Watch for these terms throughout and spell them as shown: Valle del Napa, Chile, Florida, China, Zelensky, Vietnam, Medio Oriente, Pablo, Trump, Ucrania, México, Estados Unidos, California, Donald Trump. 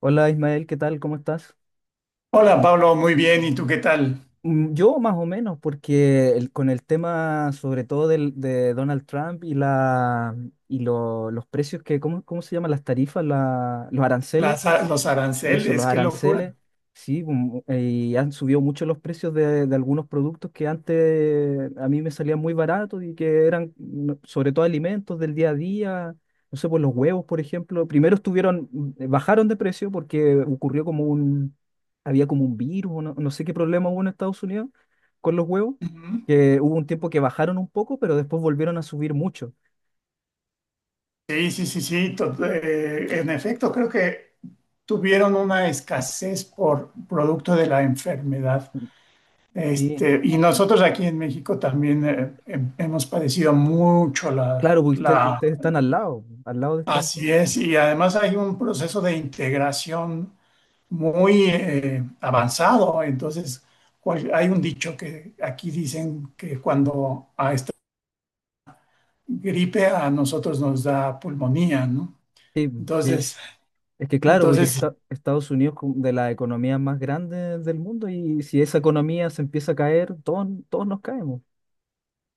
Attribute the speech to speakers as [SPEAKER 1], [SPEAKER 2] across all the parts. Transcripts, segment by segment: [SPEAKER 1] Hola Ismael, ¿qué tal? ¿Cómo estás?
[SPEAKER 2] Hola Pablo, muy bien. ¿Y tú qué tal?
[SPEAKER 1] Mm, yo más o menos, porque con el tema sobre todo de Donald Trump y, la, y los precios que, ¿cómo, cómo se llaman las tarifas, los aranceles?
[SPEAKER 2] Los
[SPEAKER 1] Eso, los
[SPEAKER 2] aranceles, qué locura.
[SPEAKER 1] aranceles, sí, y han subido mucho los precios de algunos productos que antes a mí me salían muy baratos y que eran sobre todo alimentos del día a día, no sé, pues los huevos, por ejemplo, primero estuvieron, bajaron de precio porque ocurrió como había como un virus, o no, no sé qué problema hubo en Estados Unidos con los huevos,
[SPEAKER 2] Ujú.
[SPEAKER 1] que hubo un tiempo que bajaron un poco, pero después volvieron a subir mucho.
[SPEAKER 2] Sí, sí, sí, sí. En efecto, creo que tuvieron una escasez por producto de la enfermedad.
[SPEAKER 1] Sí,
[SPEAKER 2] Este, y nosotros aquí en México también hemos padecido mucho la,
[SPEAKER 1] claro, pues ustedes
[SPEAKER 2] la...
[SPEAKER 1] están al lado de Estados
[SPEAKER 2] Así
[SPEAKER 1] Unidos.
[SPEAKER 2] es. Y además hay un proceso de integración muy avanzado. Entonces, hay un dicho que aquí dicen que cuando a gripe a nosotros nos da pulmonía, ¿no?
[SPEAKER 1] Sí, sí.
[SPEAKER 2] Entonces,
[SPEAKER 1] Es que claro, porque
[SPEAKER 2] entonces
[SPEAKER 1] Estados Unidos es como de las economías más grandes del mundo, y si esa economía se empieza a caer, todos nos caemos.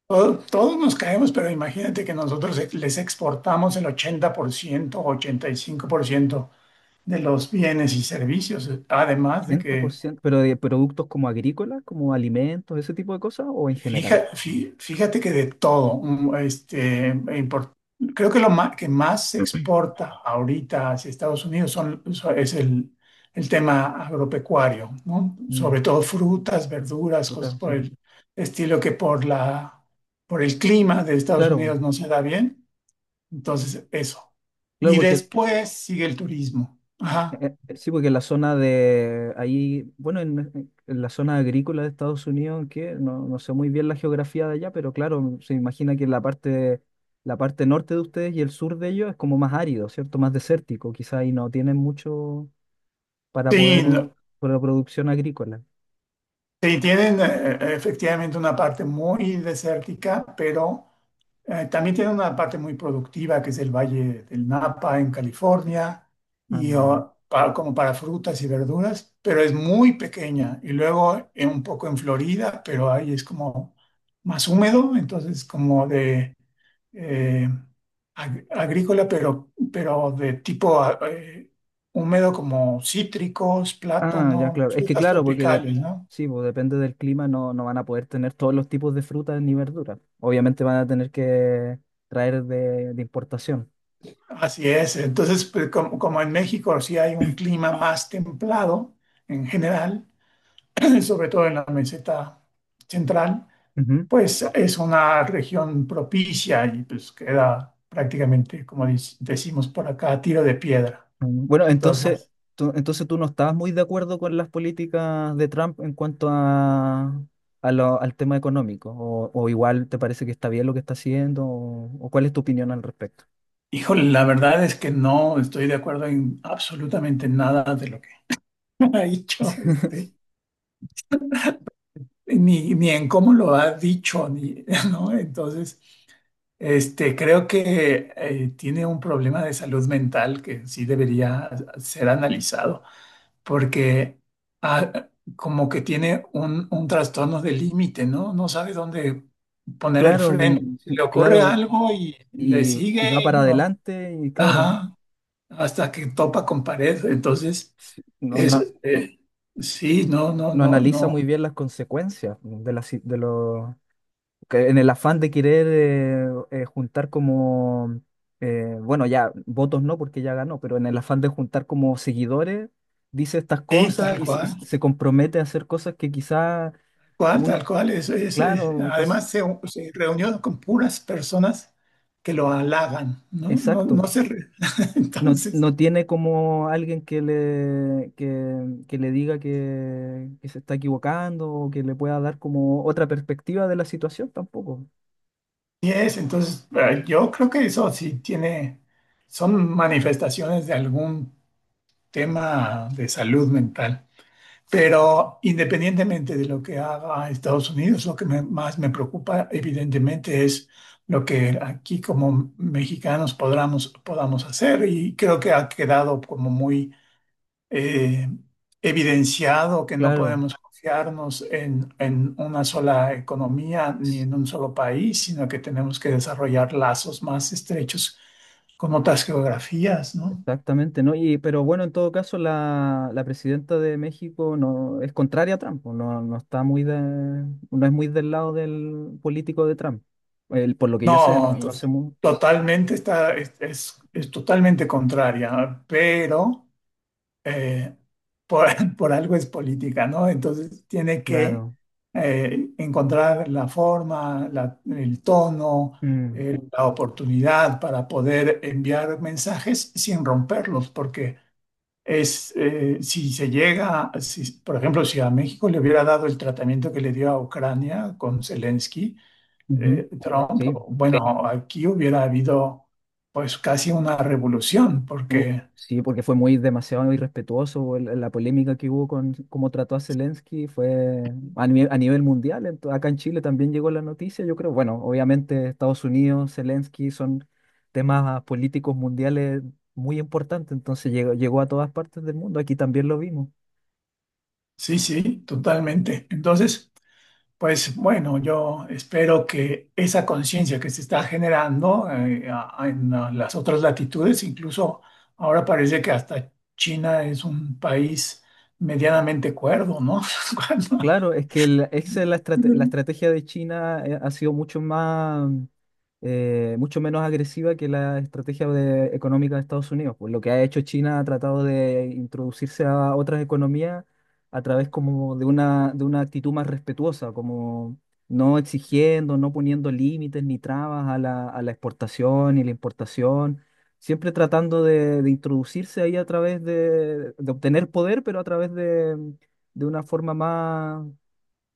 [SPEAKER 2] todos nos caemos, pero imagínate que nosotros les exportamos el 80%, 85% de los bienes y servicios, además de
[SPEAKER 1] ochenta por
[SPEAKER 2] que
[SPEAKER 1] ciento. pero de productos como agrícolas, como alimentos, ese tipo de cosas, o en general.
[SPEAKER 2] Fíjate, que de todo, import- creo que que más se exporta ahorita hacia Estados Unidos es el tema agropecuario, ¿no?
[SPEAKER 1] Mm,
[SPEAKER 2] Sobre todo frutas, verduras, cosas
[SPEAKER 1] puta,
[SPEAKER 2] por
[SPEAKER 1] sí.
[SPEAKER 2] el estilo que por por el clima de Estados
[SPEAKER 1] Claro, po.
[SPEAKER 2] Unidos no se da bien. Entonces, eso.
[SPEAKER 1] Claro,
[SPEAKER 2] Y
[SPEAKER 1] porque
[SPEAKER 2] después sigue el turismo. Ajá.
[SPEAKER 1] Sí, porque en la zona de ahí, bueno, en la zona agrícola de Estados Unidos, que no, no sé muy bien la geografía de allá, pero claro, se imagina que la parte norte de ustedes y el sur de ellos es como más árido, ¿cierto? Más desértico, quizá ahí no tienen mucho para
[SPEAKER 2] Sí,
[SPEAKER 1] poder,
[SPEAKER 2] no-
[SPEAKER 1] para la producción agrícola.
[SPEAKER 2] Sí, tienen efectivamente una parte muy desértica, pero... también tiene una parte muy productiva que es el Valle del Napa en California,
[SPEAKER 1] Ah,
[SPEAKER 2] como para frutas y verduras, pero es muy pequeña. Y luego un poco en Florida, pero ahí es como más húmedo, entonces como eh, agrícola, pero de tipo húmedo, como cítricos,
[SPEAKER 1] ah, ya,
[SPEAKER 2] plátano,
[SPEAKER 1] claro. Es que
[SPEAKER 2] frutas
[SPEAKER 1] claro, porque
[SPEAKER 2] tropicales, ¿no?
[SPEAKER 1] sí, pues depende del clima, no, no van a poder tener todos los tipos de frutas ni verduras. Obviamente van a tener que traer de importación.
[SPEAKER 2] Así es. Entonces, pues, como en México sí hay un clima más templado en general, sobre todo en la meseta central,
[SPEAKER 1] Ujú.
[SPEAKER 2] pues es una región propicia y pues queda prácticamente, como decimos por acá, a tiro de piedra.
[SPEAKER 1] Bueno, entonces,
[SPEAKER 2] Entonces,
[SPEAKER 1] entonces tú no estabas muy de acuerdo con las políticas de Trump en cuanto a, al tema económico, o igual te parece que está bien lo que está haciendo, o cuál es tu opinión al respecto.
[SPEAKER 2] híjole, la verdad es que no estoy de acuerdo en absolutamente nada de lo que ha dicho, este, ni en cómo lo ha dicho, ni, ¿no? Entonces... Este, creo que tiene un problema de salud mental que sí debería ser analizado, porque ah, como que tiene un trastorno de límite, ¿no? No sabe dónde poner el
[SPEAKER 1] Claro,
[SPEAKER 2] freno.
[SPEAKER 1] mm,
[SPEAKER 2] Se
[SPEAKER 1] mm,
[SPEAKER 2] le ocurre
[SPEAKER 1] claro,
[SPEAKER 2] algo y le
[SPEAKER 1] y va
[SPEAKER 2] sigue y
[SPEAKER 1] para
[SPEAKER 2] no.
[SPEAKER 1] adelante y claro,
[SPEAKER 2] Ajá, hasta que topa con pared. Entonces,
[SPEAKER 1] sí,
[SPEAKER 2] es, eh, sí, no, no,
[SPEAKER 1] no
[SPEAKER 2] no,
[SPEAKER 1] analiza
[SPEAKER 2] no.
[SPEAKER 1] muy bien las consecuencias de, la si- de, lo- que, en el afán de querer juntar como, bueno, ya votos no porque ya ganó, pero en el afán de juntar como seguidores, dice estas
[SPEAKER 2] Sí,
[SPEAKER 1] cosas
[SPEAKER 2] tal
[SPEAKER 1] y y
[SPEAKER 2] cual.
[SPEAKER 1] se compromete a hacer cosas que quizá
[SPEAKER 2] Tal
[SPEAKER 1] uno,
[SPEAKER 2] cual. Eso es,
[SPEAKER 1] claro,
[SPEAKER 2] además, se reunió con puras personas que lo halagan, ¿no?
[SPEAKER 1] exacto, no, no
[SPEAKER 2] Entonces,
[SPEAKER 1] tiene como alguien que que le diga que se está equivocando, o que le pueda dar como otra perspectiva de la situación tampoco.
[SPEAKER 2] yo creo que eso sí tiene. Son manifestaciones de algún tema de salud mental. Pero independientemente de lo que haga Estados Unidos, lo que más me preocupa, evidentemente, es lo que aquí como mexicanos podamos hacer. Y creo que ha quedado como muy eh, evidenciado que no
[SPEAKER 1] Claro.
[SPEAKER 2] podemos confiarnos en una sola economía ni en un solo país, sino que tenemos que desarrollar lazos más estrechos con otras geografías, ¿no?
[SPEAKER 1] Exactamente, ¿no? Y, pero bueno, en todo caso, la presidenta de México no es contraria a Trump, pues, no, no está muy de, no es muy del lado del político de Trump. Por lo que yo sé, no,
[SPEAKER 2] No, to-
[SPEAKER 1] no sé muy
[SPEAKER 2] Totalmente está, es totalmente contraria, pero eh, por, por algo es política, ¿no? Entonces tiene que
[SPEAKER 1] claro.
[SPEAKER 2] encontrar la forma, el tono,
[SPEAKER 1] Mm,
[SPEAKER 2] la oportunidad para poder enviar mensajes sin romperlos, porque si se llega, si, por ejemplo, si a México le hubiera dado el tratamiento que le dio a Ucrania con Zelensky,
[SPEAKER 1] ujú,
[SPEAKER 2] Trump. Sí,
[SPEAKER 1] sí.
[SPEAKER 2] bueno, aquí hubiera habido pues casi una revolución,
[SPEAKER 1] u-
[SPEAKER 2] porque
[SPEAKER 1] sí, porque fue muy demasiado irrespetuoso la polémica que hubo con cómo trató a Zelensky, fue a nivel mundial, acá en Chile también llegó la noticia, yo creo, bueno, obviamente Estados Unidos, Zelensky son temas políticos mundiales muy importantes, entonces llegó, llegó a todas partes del mundo, aquí también lo vimos.
[SPEAKER 2] sí, sí, totalmente. Entonces, pues bueno, yo espero que esa conciencia que se está generando en las otras latitudes, incluso ahora parece que hasta China es un país medianamente cuerdo, ¿no? Cuando-
[SPEAKER 1] Claro, es que el, esa es la, la
[SPEAKER 2] Ujú.
[SPEAKER 1] estrategia de China ha sido mucho más, mucho menos agresiva que la estrategia económica de Estados Unidos. Pues lo que ha hecho China ha tratado de introducirse a otras economías a través como de de una actitud más respetuosa, como no exigiendo, no poniendo límites ni trabas a a la exportación y la importación, siempre tratando de introducirse ahí a través de obtener poder, pero a través de una forma más,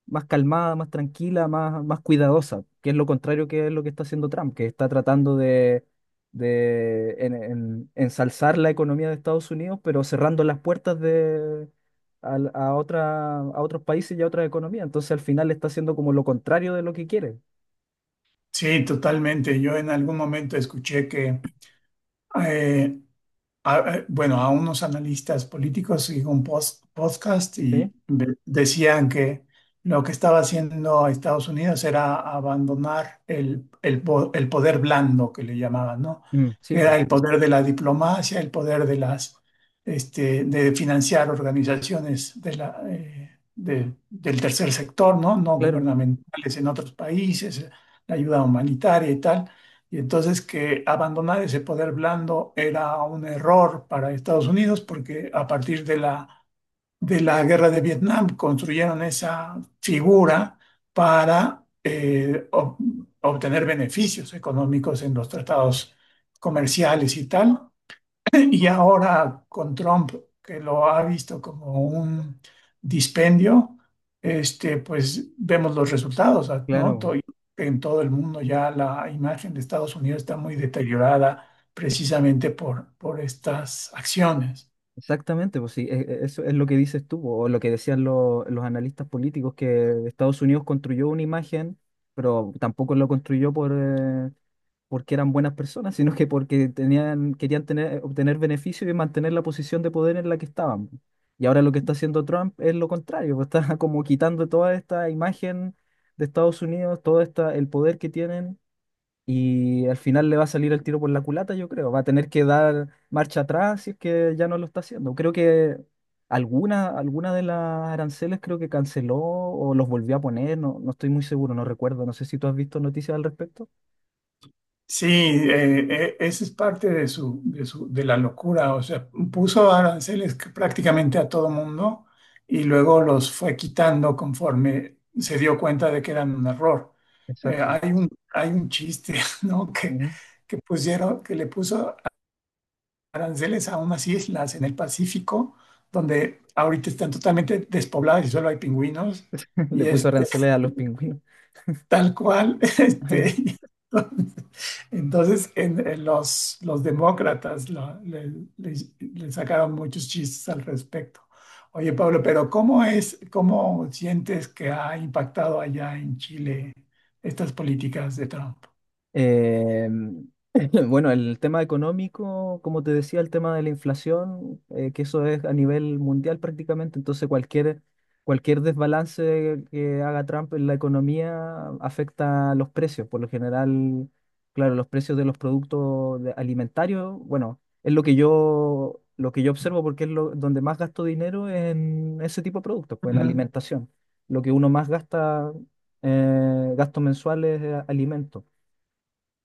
[SPEAKER 1] más calmada, más tranquila, más, más cuidadosa, que es lo contrario que es lo que está haciendo Trump, que está tratando de ensalzar la economía de Estados Unidos, pero cerrando las puertas de, a otros países y a otras economías. Entonces al final está haciendo como lo contrario de lo que quiere.
[SPEAKER 2] Sí, totalmente. Yo en algún momento escuché que eh, bueno, a unos analistas políticos y un podcast
[SPEAKER 1] ¿Sí?
[SPEAKER 2] y decían que lo que estaba haciendo Estados Unidos era abandonar el poder blando que le llamaban, ¿no?
[SPEAKER 1] Mm, sí,
[SPEAKER 2] Que era el poder de la diplomacia, el poder de las, este, de financiar organizaciones de del tercer sector, ¿no? No
[SPEAKER 1] claro,
[SPEAKER 2] gubernamentales en otros países, la ayuda humanitaria y tal, y entonces que abandonar ese poder blando era un error para Estados Unidos porque a partir de de la guerra de Vietnam construyeron esa figura para obtener beneficios económicos en los tratados comerciales y tal. Y ahora con Trump, que lo ha visto como un dispendio, este, pues vemos los resultados, ah, ¿no?
[SPEAKER 1] claro.
[SPEAKER 2] To- En todo el mundo ya la imagen de Estados Unidos está muy deteriorada precisamente por estas acciones.
[SPEAKER 1] Exactamente, pues sí, eso es lo que dices tú, o lo que decían los analistas políticos, que Estados Unidos construyó una imagen, pero tampoco lo construyó por, porque eran buenas personas, sino que porque tenían, querían tener, obtener beneficio y mantener la posición de poder en la que estaban. Y ahora lo que está haciendo Trump es lo contrario, pues está como quitando toda esta imagen de Estados Unidos, todo esta, el poder que tienen, y al final le va a salir el tiro por la culata, yo creo. Va a tener que dar marcha atrás si es que ya no lo está haciendo. Creo que alguna de las aranceles creo que canceló o los volvió a poner, no, no estoy muy seguro, no recuerdo. No sé si tú has visto noticias al respecto.
[SPEAKER 2] Sí, esa es parte de su, de la locura. O sea, puso aranceles que prácticamente a todo mundo y luego los fue quitando conforme se dio cuenta de que eran un error.
[SPEAKER 1] Exacto.
[SPEAKER 2] Hay un chiste, ¿no?
[SPEAKER 1] Ujú.
[SPEAKER 2] Que pusieron, que le puso aranceles a unas islas en el Pacífico, donde ahorita están totalmente despobladas y solo hay pingüinos.
[SPEAKER 1] Le
[SPEAKER 2] Y
[SPEAKER 1] puso
[SPEAKER 2] este,
[SPEAKER 1] aranceles a los pingüinos.
[SPEAKER 2] tal cual, este, y entonces, entonces, en los demócratas le sacaron muchos chistes al respecto. Oye, Pablo, pero ¿cómo es, cómo sientes que ha impactado allá en Chile estas políticas de Trump?
[SPEAKER 1] Eh, bueno, el tema económico, como te decía, el tema de la inflación, que eso es a nivel mundial prácticamente, entonces cualquier desbalance que haga Trump en la economía afecta a los precios. Por lo general, claro, los precios de los productos alimentarios, bueno, es lo que yo observo, porque es lo, donde más gasto dinero es en ese tipo de productos, pues en
[SPEAKER 2] Ujú.
[SPEAKER 1] alimentación. Lo que uno más gasta, gastos mensuales, es alimentos.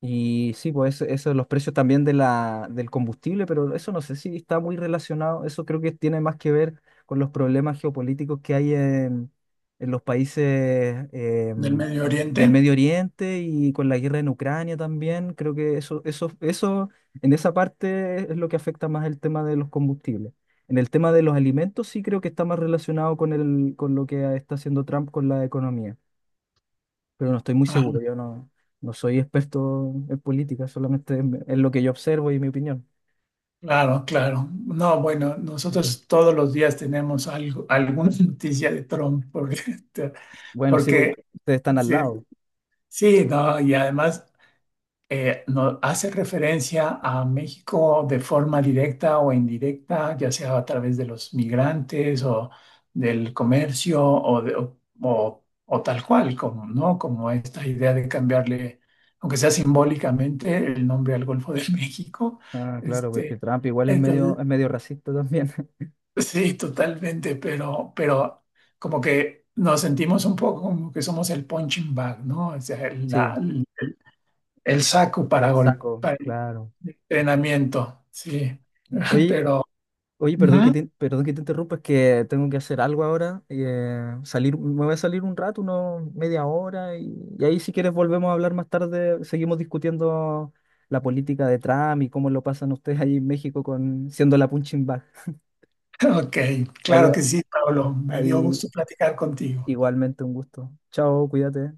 [SPEAKER 1] Y sí, pues eso, los precios también de la, del combustible, pero eso no sé si está muy relacionado, eso creo que tiene más que ver con los problemas geopolíticos que hay en los países
[SPEAKER 2] ¿Del
[SPEAKER 1] em,
[SPEAKER 2] Medio
[SPEAKER 1] del
[SPEAKER 2] Oriente?
[SPEAKER 1] Medio Oriente, y con la guerra en Ucrania también, creo que eso, en esa parte es lo que afecta más el tema de los combustibles. En el tema de los alimentos sí creo que está más relacionado con el, con lo que está haciendo Trump con la economía, pero no estoy muy
[SPEAKER 2] Ah,
[SPEAKER 1] seguro. Yo no, no soy experto en política, solamente en lo que yo observo y mi opinión.
[SPEAKER 2] claro, claro. No, bueno, nosotros todos los días tenemos algo, alguna noticia de Trump, porque,
[SPEAKER 1] Bueno, sí, porque
[SPEAKER 2] porque
[SPEAKER 1] ustedes están al
[SPEAKER 2] sí,
[SPEAKER 1] lado.
[SPEAKER 2] sí, no, y además hace referencia a México de forma directa o indirecta, ya sea a través de los migrantes o del comercio o, de- o tal cual, como, ¿no? Como esta idea de cambiarle, aunque sea simbólicamente, el nombre al Golfo de México.
[SPEAKER 1] Ah, claro, pues que
[SPEAKER 2] Este,
[SPEAKER 1] Trump igual
[SPEAKER 2] entonces,
[SPEAKER 1] es medio racista también.
[SPEAKER 2] sí, totalmente, pero como que nos sentimos un poco como que somos el punching bag, ¿no? O sea,
[SPEAKER 1] Sí,
[SPEAKER 2] la, el saco para golpe,
[SPEAKER 1] saco,
[SPEAKER 2] para
[SPEAKER 1] claro.
[SPEAKER 2] entrenamiento, sí.
[SPEAKER 1] Oye,
[SPEAKER 2] Pero,
[SPEAKER 1] oye,
[SPEAKER 2] ujú,
[SPEAKER 1] perdón que te interrumpa, es que tengo que hacer algo ahora, y, salir, me voy a salir un rato, unos media hora, y ahí si quieres volvemos a hablar más tarde, seguimos discutiendo la política de Trump y cómo lo pasan ustedes ahí en México con siendo la punching bag.
[SPEAKER 2] ok,
[SPEAKER 1] Ahí,
[SPEAKER 2] claro que sí, Pablo, me dio
[SPEAKER 1] ahí
[SPEAKER 2] gusto platicar contigo.
[SPEAKER 1] igualmente un gusto. Chao, cuídate.